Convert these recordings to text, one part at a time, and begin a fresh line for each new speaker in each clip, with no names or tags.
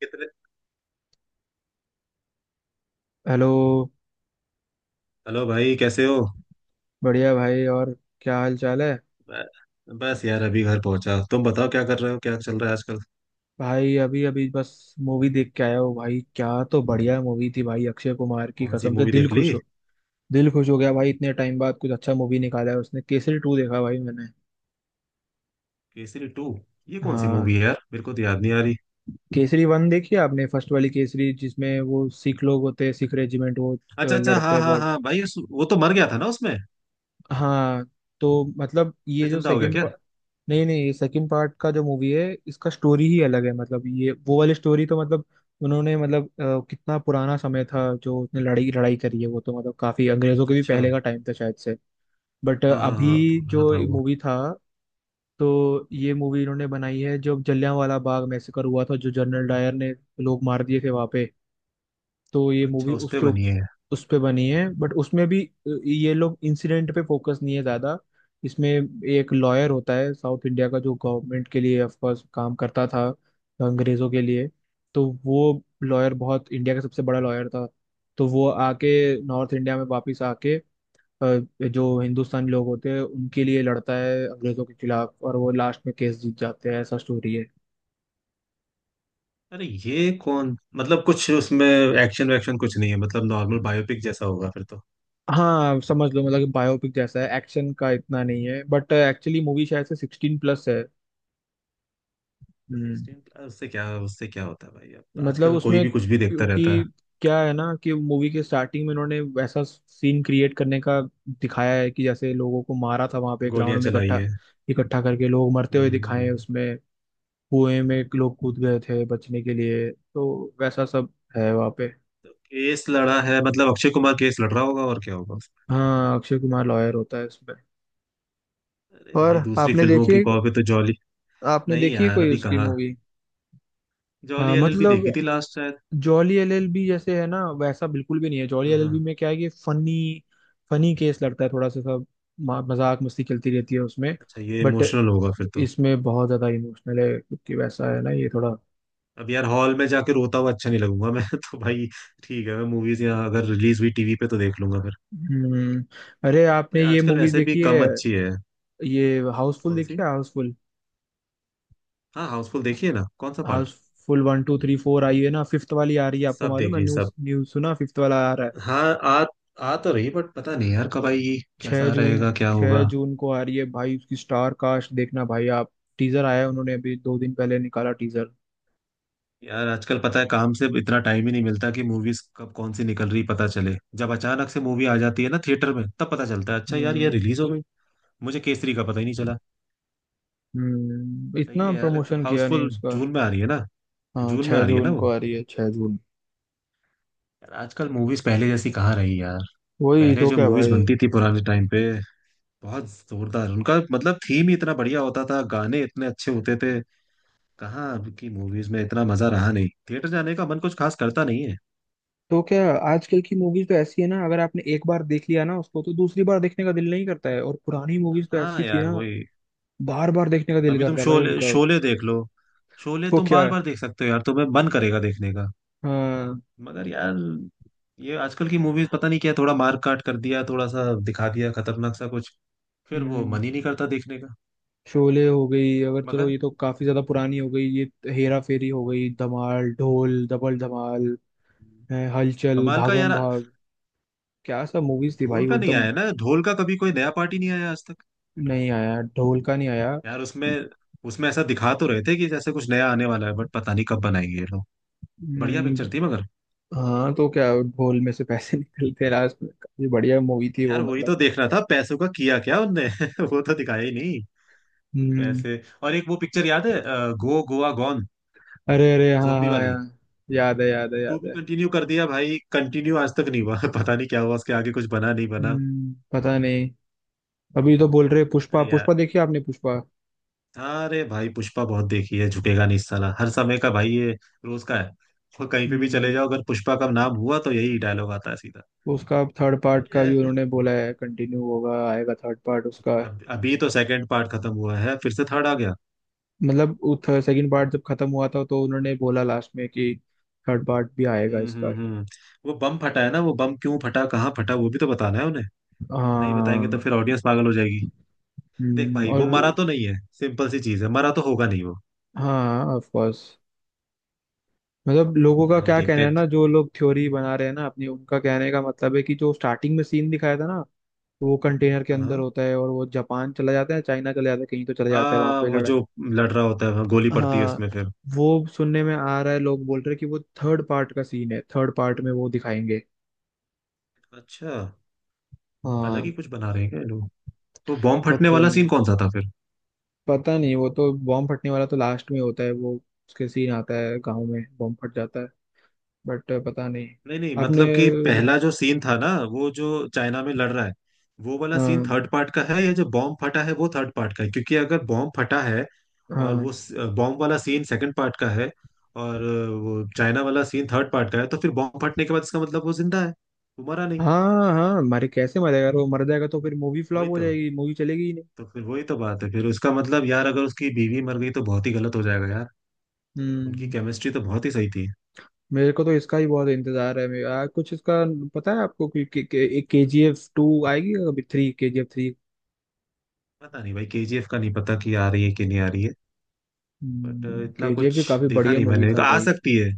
कितने।
Hello.
Hello भाई, कैसे हो?
बढ़िया भाई। और क्या हाल चाल है।
ब- बस यार अभी घर पहुंचा। तुम बताओ क्या कर रहे हो, क्या चल रहा है आजकल?
भाई अभी अभी बस मूवी देख के आया हूँ भाई। क्या तो बढ़िया मूवी थी भाई, अक्षय कुमार की
कौन सी
कसम से।
मूवी देख ली?
दिल खुश हो गया भाई। इतने टाइम बाद कुछ अच्छा मूवी निकाला है उसने। केसरी टू देखा भाई मैंने।
केसरी टू ये कौन सी
हाँ,
मूवी है यार, मेरे को तो याद नहीं आ रही।
केसरी वन देखी आपने, फर्स्ट वाली केसरी जिसमें वो सिख लोग होते हैं, सिख रेजिमेंट, वो
अच्छा अच्छा
लड़ते
हाँ
हैं।
हाँ हाँ भाई वो तो मर गया था ना उसमें?
हाँ, तो मतलब ये
फिर
जो
जिंदा हो गया
सेकंड
क्या?
पार्ट। नहीं नहीं, ये सेकंड पार्ट का जो मूवी है इसका स्टोरी ही अलग है। मतलब ये वो वाली स्टोरी तो मतलब उन्होंने मतलब कितना पुराना समय था जो उसने लड़ाई लड़ाई करी है, वो तो मतलब काफी अंग्रेजों के भी
अच्छा
पहले का टाइम था शायद से। बट
हाँ हाँ हाँ
अभी
पुराना
जो
था वो।
मूवी था, तो ये मूवी इन्होंने बनाई है जब जलियांवाला बाग मैसेकर हुआ था, जो जनरल डायर ने लोग मार दिए थे वहां पे। तो ये
अच्छा
मूवी
उस पे
उसके
बनी है।
उस पे बनी है। बट उसमें भी ये लोग इंसिडेंट पे फोकस नहीं है ज्यादा। इसमें एक लॉयर होता है साउथ इंडिया का, जो गवर्नमेंट के लिए, ऑफ कोर्स, काम करता था अंग्रेजों के लिए। तो वो लॉयर बहुत, इंडिया का सबसे बड़ा लॉयर था। तो वो आके नॉर्थ इंडिया में वापस आके जो हिंदुस्तानी लोग होते हैं उनके लिए लड़ता है अंग्रेजों के खिलाफ, और वो लास्ट में केस जीत जाते हैं, ऐसा स्टोरी है।
अरे ये कौन मतलब कुछ उसमें एक्शन वैक्शन कुछ नहीं है, मतलब नॉर्मल बायोपिक जैसा होगा फिर तो।
हाँ, समझ लो मतलब कि बायोपिक जैसा है, एक्शन का इतना नहीं है। बट एक्चुअली मूवी शायद से 16+ है। हम्म।
सिक्सटीन प्लस उससे क्या, उससे क्या होता है भाई? अब
मतलब
आजकल कोई
उसमें,
भी कुछ भी देखता रहता है।
क्योंकि क्या है ना कि मूवी के स्टार्टिंग में इन्होंने वैसा सीन क्रिएट करने का दिखाया है, कि जैसे लोगों को मारा था वहां पे ग्राउंड
गोलियां
में
चलाई
इकट्ठा
हैं।
इकट्ठा करके लोग मरते हुए
हम्म।
दिखाए हैं
हम्म।
उसमें। कुएं में लोग कूद गए थे बचने के लिए, तो वैसा सब है वहाँ पे।
केस लड़ा है मतलब, अक्षय कुमार केस लड़ रहा होगा और क्या होगा उसमें।
हाँ, अक्षय कुमार लॉयर होता है इसमें।
अरे
और
भाई दूसरी
आपने
फिल्मों
देखी
की
है,
कॉपी तो जॉली। नहीं यार
कोई
अभी
उसकी
कहाँ।
मूवी।
जॉली
हाँ
एलएलबी
मतलब
देखी थी लास्ट शायद।
जॉली एलएलबी जैसे है ना, वैसा बिल्कुल भी नहीं है। जॉली
हाँ
एलएलबी
हाँ।
में क्या है कि फनी फनी केस लगता है थोड़ा सा सब, मजाक मस्ती चलती रहती है उसमें।
अच्छा ये
बट
इमोशनल होगा फिर तो।
इसमें बहुत ज्यादा इमोशनल है, क्योंकि वैसा है ना ये थोड़ा।
अब यार हॉल में जाके रोता हुआ अच्छा नहीं लगूंगा मैं तो भाई ठीक है, मैं मूवीज या अगर रिलीज हुई टीवी पे तो देख लूंगा फिर।
हम्म। अरे आपने
नहीं,
ये
आजकल
मूवी
वैसे भी
देखी है,
कम अच्छी है।
ये हाउसफुल
कौन
देखी
सी?
है, हाउसफुल?
हाँ हाउसफुल देखिए ना, कौन सा part?
Housefull one two three four आई है ना, फिफ्थ वाली आ रही है, आपको
सब
मालूम है?
देखिए
न्यूज
सब।
न्यूज सुना, फिफ्थ वाला आ रहा है
हाँ। आ। आ तो रही बट पता नहीं यार कब आएगी।
छह
कैसा
जून
रहेगा, क्या
छह
होगा?
जून को आ रही है भाई, उसकी स्टार कास्ट देखना भाई आप। टीजर आया है, उन्होंने अभी 2 दिन पहले निकाला टीजर।
यार आजकल पता है काम से इतना टाइम ही नहीं मिलता कि मूवीज कब कौन सी निकल रही पता चले। जब अचानक से मूवी आ जाती है ना थिएटर में तब पता चलता है अच्छा यार ये
हम्म।
रिलीज हो गई। मुझे केसरी का पता ही नहीं चला।
हम्म,
सही
इतना
है यार, ये तो
प्रमोशन किया नहीं
हाउसफुल
उसका।
जून में आ रही है ना।
हाँ,
जून में
छह
आ रही है ना
जून
वो।
को आ रही है, 6 जून।
यार आजकल मूवीज पहले जैसी कहाँ रही यार।
वही
पहले
तो
जो
क्या
मूवीज
भाई।
बनती थी पुराने टाइम पे बहुत जोरदार, उनका मतलब थीम ही इतना बढ़िया होता था, गाने इतने अच्छे होते थे। कहाँ अब की मूवीज में इतना मजा रहा नहीं, थिएटर जाने का मन कुछ खास करता नहीं है।
तो क्या, आजकल की मूवीज तो ऐसी है ना, अगर आपने एक बार देख लिया ना उसको तो दूसरी बार देखने का दिल नहीं करता है, और पुरानी मूवीज तो
हाँ
ऐसी थी
यार
ना,
वही।
बार बार देखने का दिल
अभी तुम
करता है भाई
शोले
उनका।
शोले देख लो। शोले
तो
तुम
क्या
बार
है।
बार देख सकते हो यार, तुम्हें मन करेगा देखने का।
हाँ।
मगर यार ये आजकल की मूवीज पता नहीं क्या, थोड़ा मार काट कर दिया, थोड़ा सा दिखा दिया खतरनाक सा कुछ। फिर वो
हम्म।
मन ही नहीं करता देखने का।
शोले हो गई, अगर चलो
मगर
ये तो काफी ज्यादा पुरानी हो गई ये। हेरा फेरी हो गई, धमाल, ढोल, डबल धमाल हैं, हलचल,
कमाल का
भागम
यार।
भाग, क्या सब मूवीज थी भाई
ढोल
वो
का नहीं
एकदम।
आया ना, ढोल का कभी कोई नया पार्टी नहीं आया आज तक।
नहीं आया, ढोल का नहीं आया।
यार उसमें उसमें ऐसा दिखा तो रहे थे कि जैसे कुछ नया आने वाला है बट पता नहीं कब बनाएंगे ये लोग। बढ़िया
हम्म,
पिक्चर थी मगर।
हाँ, तो क्या ढोल में से पैसे निकलते लास्ट में, काफी बढ़िया मूवी थी वो
यार वही तो
मतलब।
देखना था पैसों का किया क्या उनने वो तो दिखाया ही नहीं।
हम्म।
पैसे, और एक वो पिक्चर याद है गो गोवा गॉन।
अरे अरे हाँ
जोम्बी
हाँ
वाली
यार, याद है याद है
टू
याद
भी
है।
कंटिन्यू कर दिया भाई, कंटिन्यू आज तक नहीं हुआ पता नहीं क्या हुआ उसके आगे, कुछ बना नहीं बना।
हम्म, पता नहीं। अभी तो बोल रहे, पुष्पा
अरे
पुष्पा
यार।
देखी आपने, पुष्पा?
अरे भाई पुष्पा बहुत देखी है, झुकेगा नहीं साला हर समय का भाई ये। रोज का है। और कहीं पे भी चले
हम्म,
जाओ अगर पुष्पा का नाम हुआ तो यही डायलॉग आता है सीधा।
उसका थर्ड पार्ट का
बढ़िया है
भी
फिर।
उन्होंने बोला है, कंटिन्यू होगा, आएगा थर्ड पार्ट उसका।
अभी तो सेकंड पार्ट खत्म हुआ है फिर से थर्ड आ गया।
मतलब सेकंड पार्ट जब खत्म हुआ था, तो उन्होंने बोला लास्ट में कि थर्ड पार्ट भी आएगा इसका।
हम्म। वो बम फटा है ना, वो बम क्यों फटा, कहाँ फटा, वो भी तो बताना है उन्हें। नहीं बताएंगे तो
हाँ।
फिर ऑडियंस पागल हो जाएगी। देख भाई
और।
वो मरा तो नहीं है, सिंपल सी चीज है, मरा तो होगा नहीं वो।
हाँ, ऑफ कोर्स। मतलब लोगों का
पता नहीं
क्या कहना
देखते।
है ना, जो लोग थ्योरी बना रहे हैं ना अपनी, उनका कहने का मतलब है कि जो स्टार्टिंग में सीन दिखाया था ना, वो कंटेनर के
हाँ
अंदर
हाँ
होता है, और वो जापान चला जाता है, चाइना चला जाता है, कहीं तो चला जाता है, वहां
हाँ,
पे
वो
लड़ाई।
जो लड़ रहा होता है, हाँ, गोली पड़ती है
हाँ,
उसमें फिर।
वो सुनने में आ रहा है, लोग बोल रहे हैं कि वो थर्ड पार्ट का सीन है, थर्ड पार्ट में वो दिखाएंगे।
अच्छा। अलग ही
हाँ।
कुछ बना रहे हैं क्या ये लोग? वो बॉम्ब फटने
पता
वाला सीन
नहीं।
कौन सा था फिर?
पता नहीं, वो तो बॉम्ब फटने वाला तो लास्ट में होता है वो, उसके सीन आता है, गाँव में बॉम्ब फट जाता है, बट पता नहीं।
नहीं नहीं
आपने।
मतलब कि पहला जो सीन था ना, वो जो चाइना में लड़ रहा है वो वाला सीन
हाँ
थर्ड पार्ट का है या जो बॉम्ब फटा है वो थर्ड पार्ट का है? क्योंकि अगर बॉम्ब फटा है और वो
हाँ,
बॉम्ब वाला सीन सेकंड पार्ट का है और वो चाइना वाला सीन थर्ड पार्ट का है तो फिर बॉम्ब फटने के बाद इसका मतलब वो जिंदा है। वो मरा नहीं।
हाँ हाँ, मरे कैसे मरेगा यार, वो मर जाएगा तो फिर मूवी फ्लॉप
वही
हो
तो।
जाएगी, मूवी चलेगी ही नहीं।
तो फिर वही तो बात है, फिर उसका मतलब यार अगर उसकी बीवी मर गई तो बहुत ही गलत हो जाएगा यार। उनकी
हम्म।
केमिस्ट्री तो बहुत ही सही थी।
मेरे को तो इसका ही बहुत इंतजार है, मेरे कुछ इसका पता है आपको कि एक के जी एफ टू आएगी या कभी three, K G F three.
पता नहीं भाई केजीएफ का नहीं पता कि आ रही है कि नहीं आ रही है बट इतना
के जी एफ
कुछ।
भी काफी
देखा
बढ़िया
नहीं
मूवी
मैंने,
था
आ
भाई।
सकती है।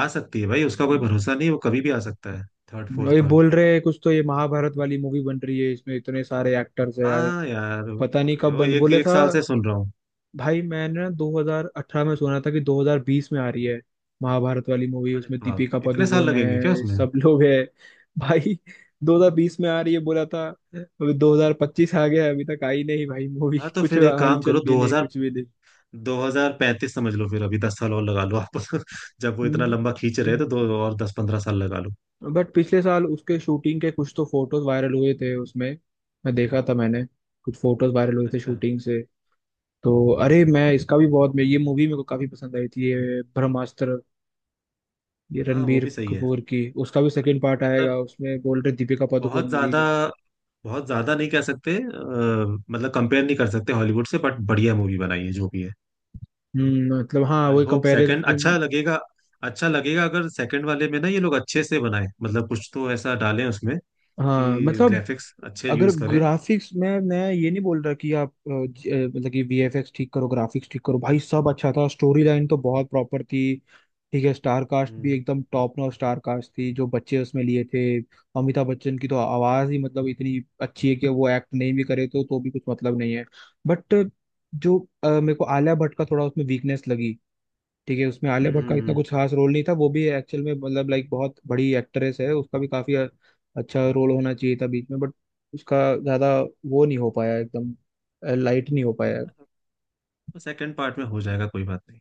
आ सकती है भाई, उसका कोई
हम्म,
भरोसा नहीं, वो कभी भी आ सकता है। थर्ड
और
फोर्थ
ये
पार्ट।
बोल रहे हैं कुछ तो ये महाभारत वाली मूवी बन रही है, इसमें इतने सारे एक्टर्स है यार,
हाँ यार
पता नहीं कब
वो
बन,
एक
बोले
एक
था
साल से सुन रहा हूँ।
भाई मैंने ना 2018 में सुना था कि 2020 में आ रही है महाभारत वाली मूवी,
अरे
उसमें
बाप,
दीपिका
इतने साल
पादुकोण
लगेंगे क्या
है,
उसमें?
सब लोग है भाई। 2020 में आ रही है बोला था, अभी 2025 आ गया है, अभी तक आई नहीं भाई मूवी
हाँ तो
कुछ
फिर एक काम
हलचल
करो,
भी नहीं,
2000
कुछ भी नहीं।
2035 समझ लो फिर, अभी 10 साल और लगा लो आप जब वो इतना
हम्म,
लंबा खींच रहे हैं, तो दो और 10-15 साल लगा लो।
बट पिछले साल उसके शूटिंग के कुछ तो फोटोज वायरल हुए थे उसमें, मैं देखा था मैंने। कुछ फोटोज वायरल हुए थे
अच्छा।
शूटिंग से। तो अरे मैं इसका भी बहुत, मैं, ये मूवी मेरे को काफी पसंद आई थी, ये ब्रह्मास्त्र, ये
हाँ वो
रणबीर
भी सही है।
कपूर की, उसका भी
अ,
सेकंड पार्ट आएगा,
मतलब
उसमें बोल रहे दीपिका पादुकोण
बहुत
होगी।
ज्यादा, बहुत ज्यादा नहीं कह सकते, मतलब कंपेयर नहीं कर सकते हॉलीवुड से बट बढ़िया मूवी बनाई है जो भी है।
मतलब, हाँ
आई
वही
होप सेकंड
कंपैरिजन।
अच्छा लगेगा। अच्छा लगेगा अगर सेकंड वाले में ना ये लोग अच्छे से बनाए, मतलब कुछ तो ऐसा डालें उसमें
हाँ
कि
मतलब,
ग्राफिक्स अच्छे
अगर
यूज करें।
ग्राफिक्स में, मैं ये नहीं बोल रहा कि आप मतलब कि वीएफएक्स ठीक करो, ग्राफिक्स ठीक करो, भाई सब अच्छा था, स्टोरी लाइन तो बहुत प्रॉपर थी। ठीक है, स्टार कास्ट भी
हम्म।
एकदम टॉप नॉच स्टार कास्ट थी, जो बच्चे उसमें लिए थे। अमिताभ बच्चन की तो आवाज ही मतलब इतनी अच्छी है कि वो एक्ट नहीं भी करे तो भी कुछ मतलब नहीं है। बट जो मेरे को आलिया भट्ट का थोड़ा उसमें वीकनेस लगी। ठीक है, उसमें आलिया भट्ट का इतना
हम्म।
कुछ खास रोल नहीं था, वो भी एक्चुअल में मतलब, लाइक बहुत बड़ी एक्ट्रेस है, उसका भी काफी अच्छा रोल होना चाहिए था बीच में, बट उसका ज्यादा वो नहीं हो पाया एकदम, लाइट नहीं हो पाया।
सेकंड पार्ट में हो जाएगा, कोई बात नहीं।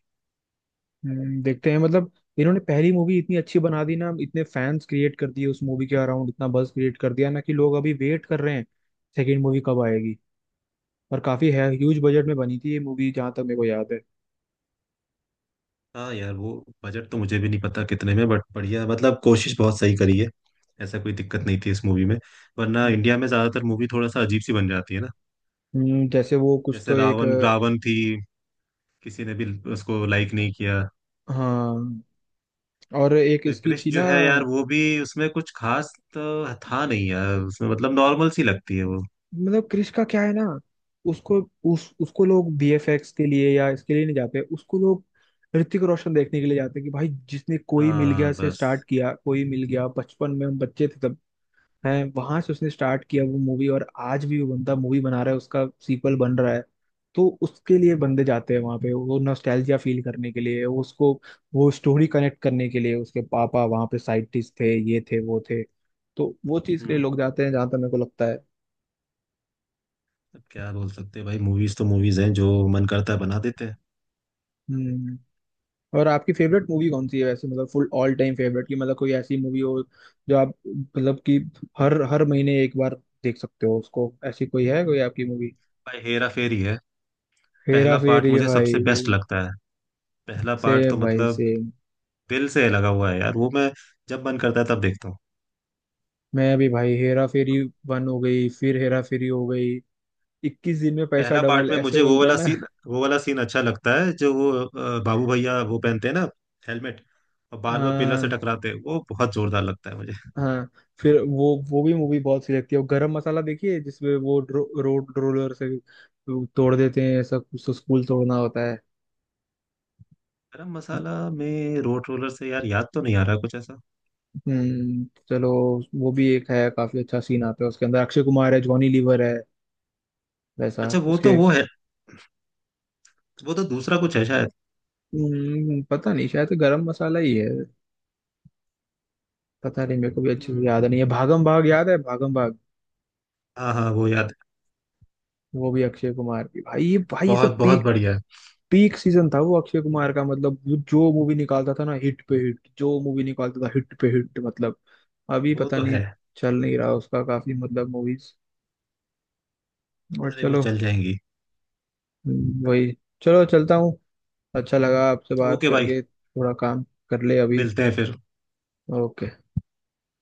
देखते हैं मतलब। इन्होंने पहली मूवी इतनी अच्छी बना दी ना, इतने फैंस क्रिएट कर दिए, उस मूवी के अराउंड इतना बuzz क्रिएट कर दिया ना कि लोग अभी वेट कर रहे हैं सेकेंड मूवी कब आएगी। और काफी है, ह्यूज बजट में बनी थी ये मूवी जहाँ तक मेरे को याद है।
हाँ यार वो बजट तो मुझे भी नहीं पता कितने में बट बढ़िया, मतलब कोशिश बहुत सही करी है, ऐसा कोई दिक्कत नहीं थी इस मूवी में। वरना
हम्म।
इंडिया में ज्यादातर मूवी थोड़ा सा अजीब सी बन जाती है ना।
जैसे वो कुछ
जैसे
तो एक
रावण रावण थी, किसी ने भी उसको लाइक नहीं किया।
हाँ, और एक
फिर
इसकी थी
कृष्ण जो
ना।
है यार वो भी उसमें कुछ खास तो था नहीं यार, उसमें मतलब नॉर्मल सी लगती है वो।
मतलब क्रिश का क्या है ना, उसको उसको लोग बीएफएक्स के लिए या इसके लिए नहीं जाते, उसको लोग ऋतिक रोशन देखने के लिए जाते हैं कि भाई जिसने कोई मिल गया
हाँ
से
बस।
स्टार्ट किया, कोई मिल गया बचपन में, हम बच्चे थे तब, हैं, वहां से उसने स्टार्ट किया वो मूवी, और आज भी वो बंदा मूवी बना रहा है, उसका सीक्वल बन रहा है। तो उसके लिए बंदे जाते हैं वहां पे, वो नॉस्टैल्जिया फील करने के लिए, वो उसको, वो स्टोरी कनेक्ट करने के लिए, उसके पापा वहां पे साइंटिस्ट थे, ये थे वो थे, तो वो चीज के लिए
हम्म।
लोग जाते हैं, जहां तक मेरे को लगता है।
अब क्या बोल सकते हैं भाई, मूवीज तो मूवीज हैं, जो मन करता है बना देते हैं।
हम्म। और आपकी फेवरेट मूवी कौन सी है वैसे, मतलब फुल ऑल टाइम फेवरेट की, मतलब कोई ऐसी मूवी हो जो आप मतलब कि हर हर महीने एक बार देख सकते हो उसको, ऐसी कोई है कोई आपकी मूवी?
भाई हेरा फेरी है।
हेरा
पहला पार्ट
फेरी
मुझे सबसे
भाई।
बेस्ट लगता है। पहला पार्ट तो
सेम भाई,
मतलब
सेम।
दिल से लगा हुआ है यार वो, मैं जब मन करता है तब देखता हूँ।
मैं भी भाई, हेरा फेरी वन हो गई, फिर हेरा फेरी हो गई, 21 दिन में पैसा
पहला पार्ट
डबल
में
ऐसे
मुझे वो
बोलते हैं
वाला
ना।
सीन, वो वाला सीन अच्छा लगता है जो वो बाबू भैया वो पहनते हैं ना हेलमेट, और बार बार पिलर से
हाँ।
टकराते हैं, वो बहुत जोरदार लगता है मुझे।
हाँ। फिर वो भी मूवी बहुत सी लगती है, और गरम मसाला देखिए जिसमें वो रोड रोलर से तोड़ देते हैं, ऐसा कुछ तो, स्कूल तोड़ना होता है।
गरम मसाला में रोड रोलर से, यार याद तो नहीं आ रहा कुछ ऐसा।
हम्म, चलो। वो भी एक है, काफी अच्छा सीन आता है उसके अंदर, अक्षय कुमार है, जॉनी लीवर है, वैसा
अच्छा वो तो
उसके।
वो है। वो तो दूसरा कुछ है शायद।
पता नहीं, शायद तो गरम मसाला ही है, पता नहीं, मेरे को भी अच्छे से याद
हम्म,
नहीं है। भागम भाग याद है, भागम भाग,
हाँ हाँ वो याद है।
वो भी अक्षय कुमार की भाई, ये भाई ये सब
बहुत बहुत
पीक,
बढ़िया है।
पीक सीजन था वो अक्षय कुमार का, मतलब वो जो मूवी निकालता था ना हिट पे हिट, जो मूवी निकालता था हिट पे हिट मतलब, अभी
वो
पता
तो
नहीं
है।
चल नहीं रहा उसका, काफी मतलब मूवीज। और
अरे वो
चलो।
चल जाएंगी।
वही, चलो चलता हूँ। अच्छा लगा आपसे बात
ओके भाई।
करके, थोड़ा काम कर ले अभी।
मिलते हैं फिर।
ओके।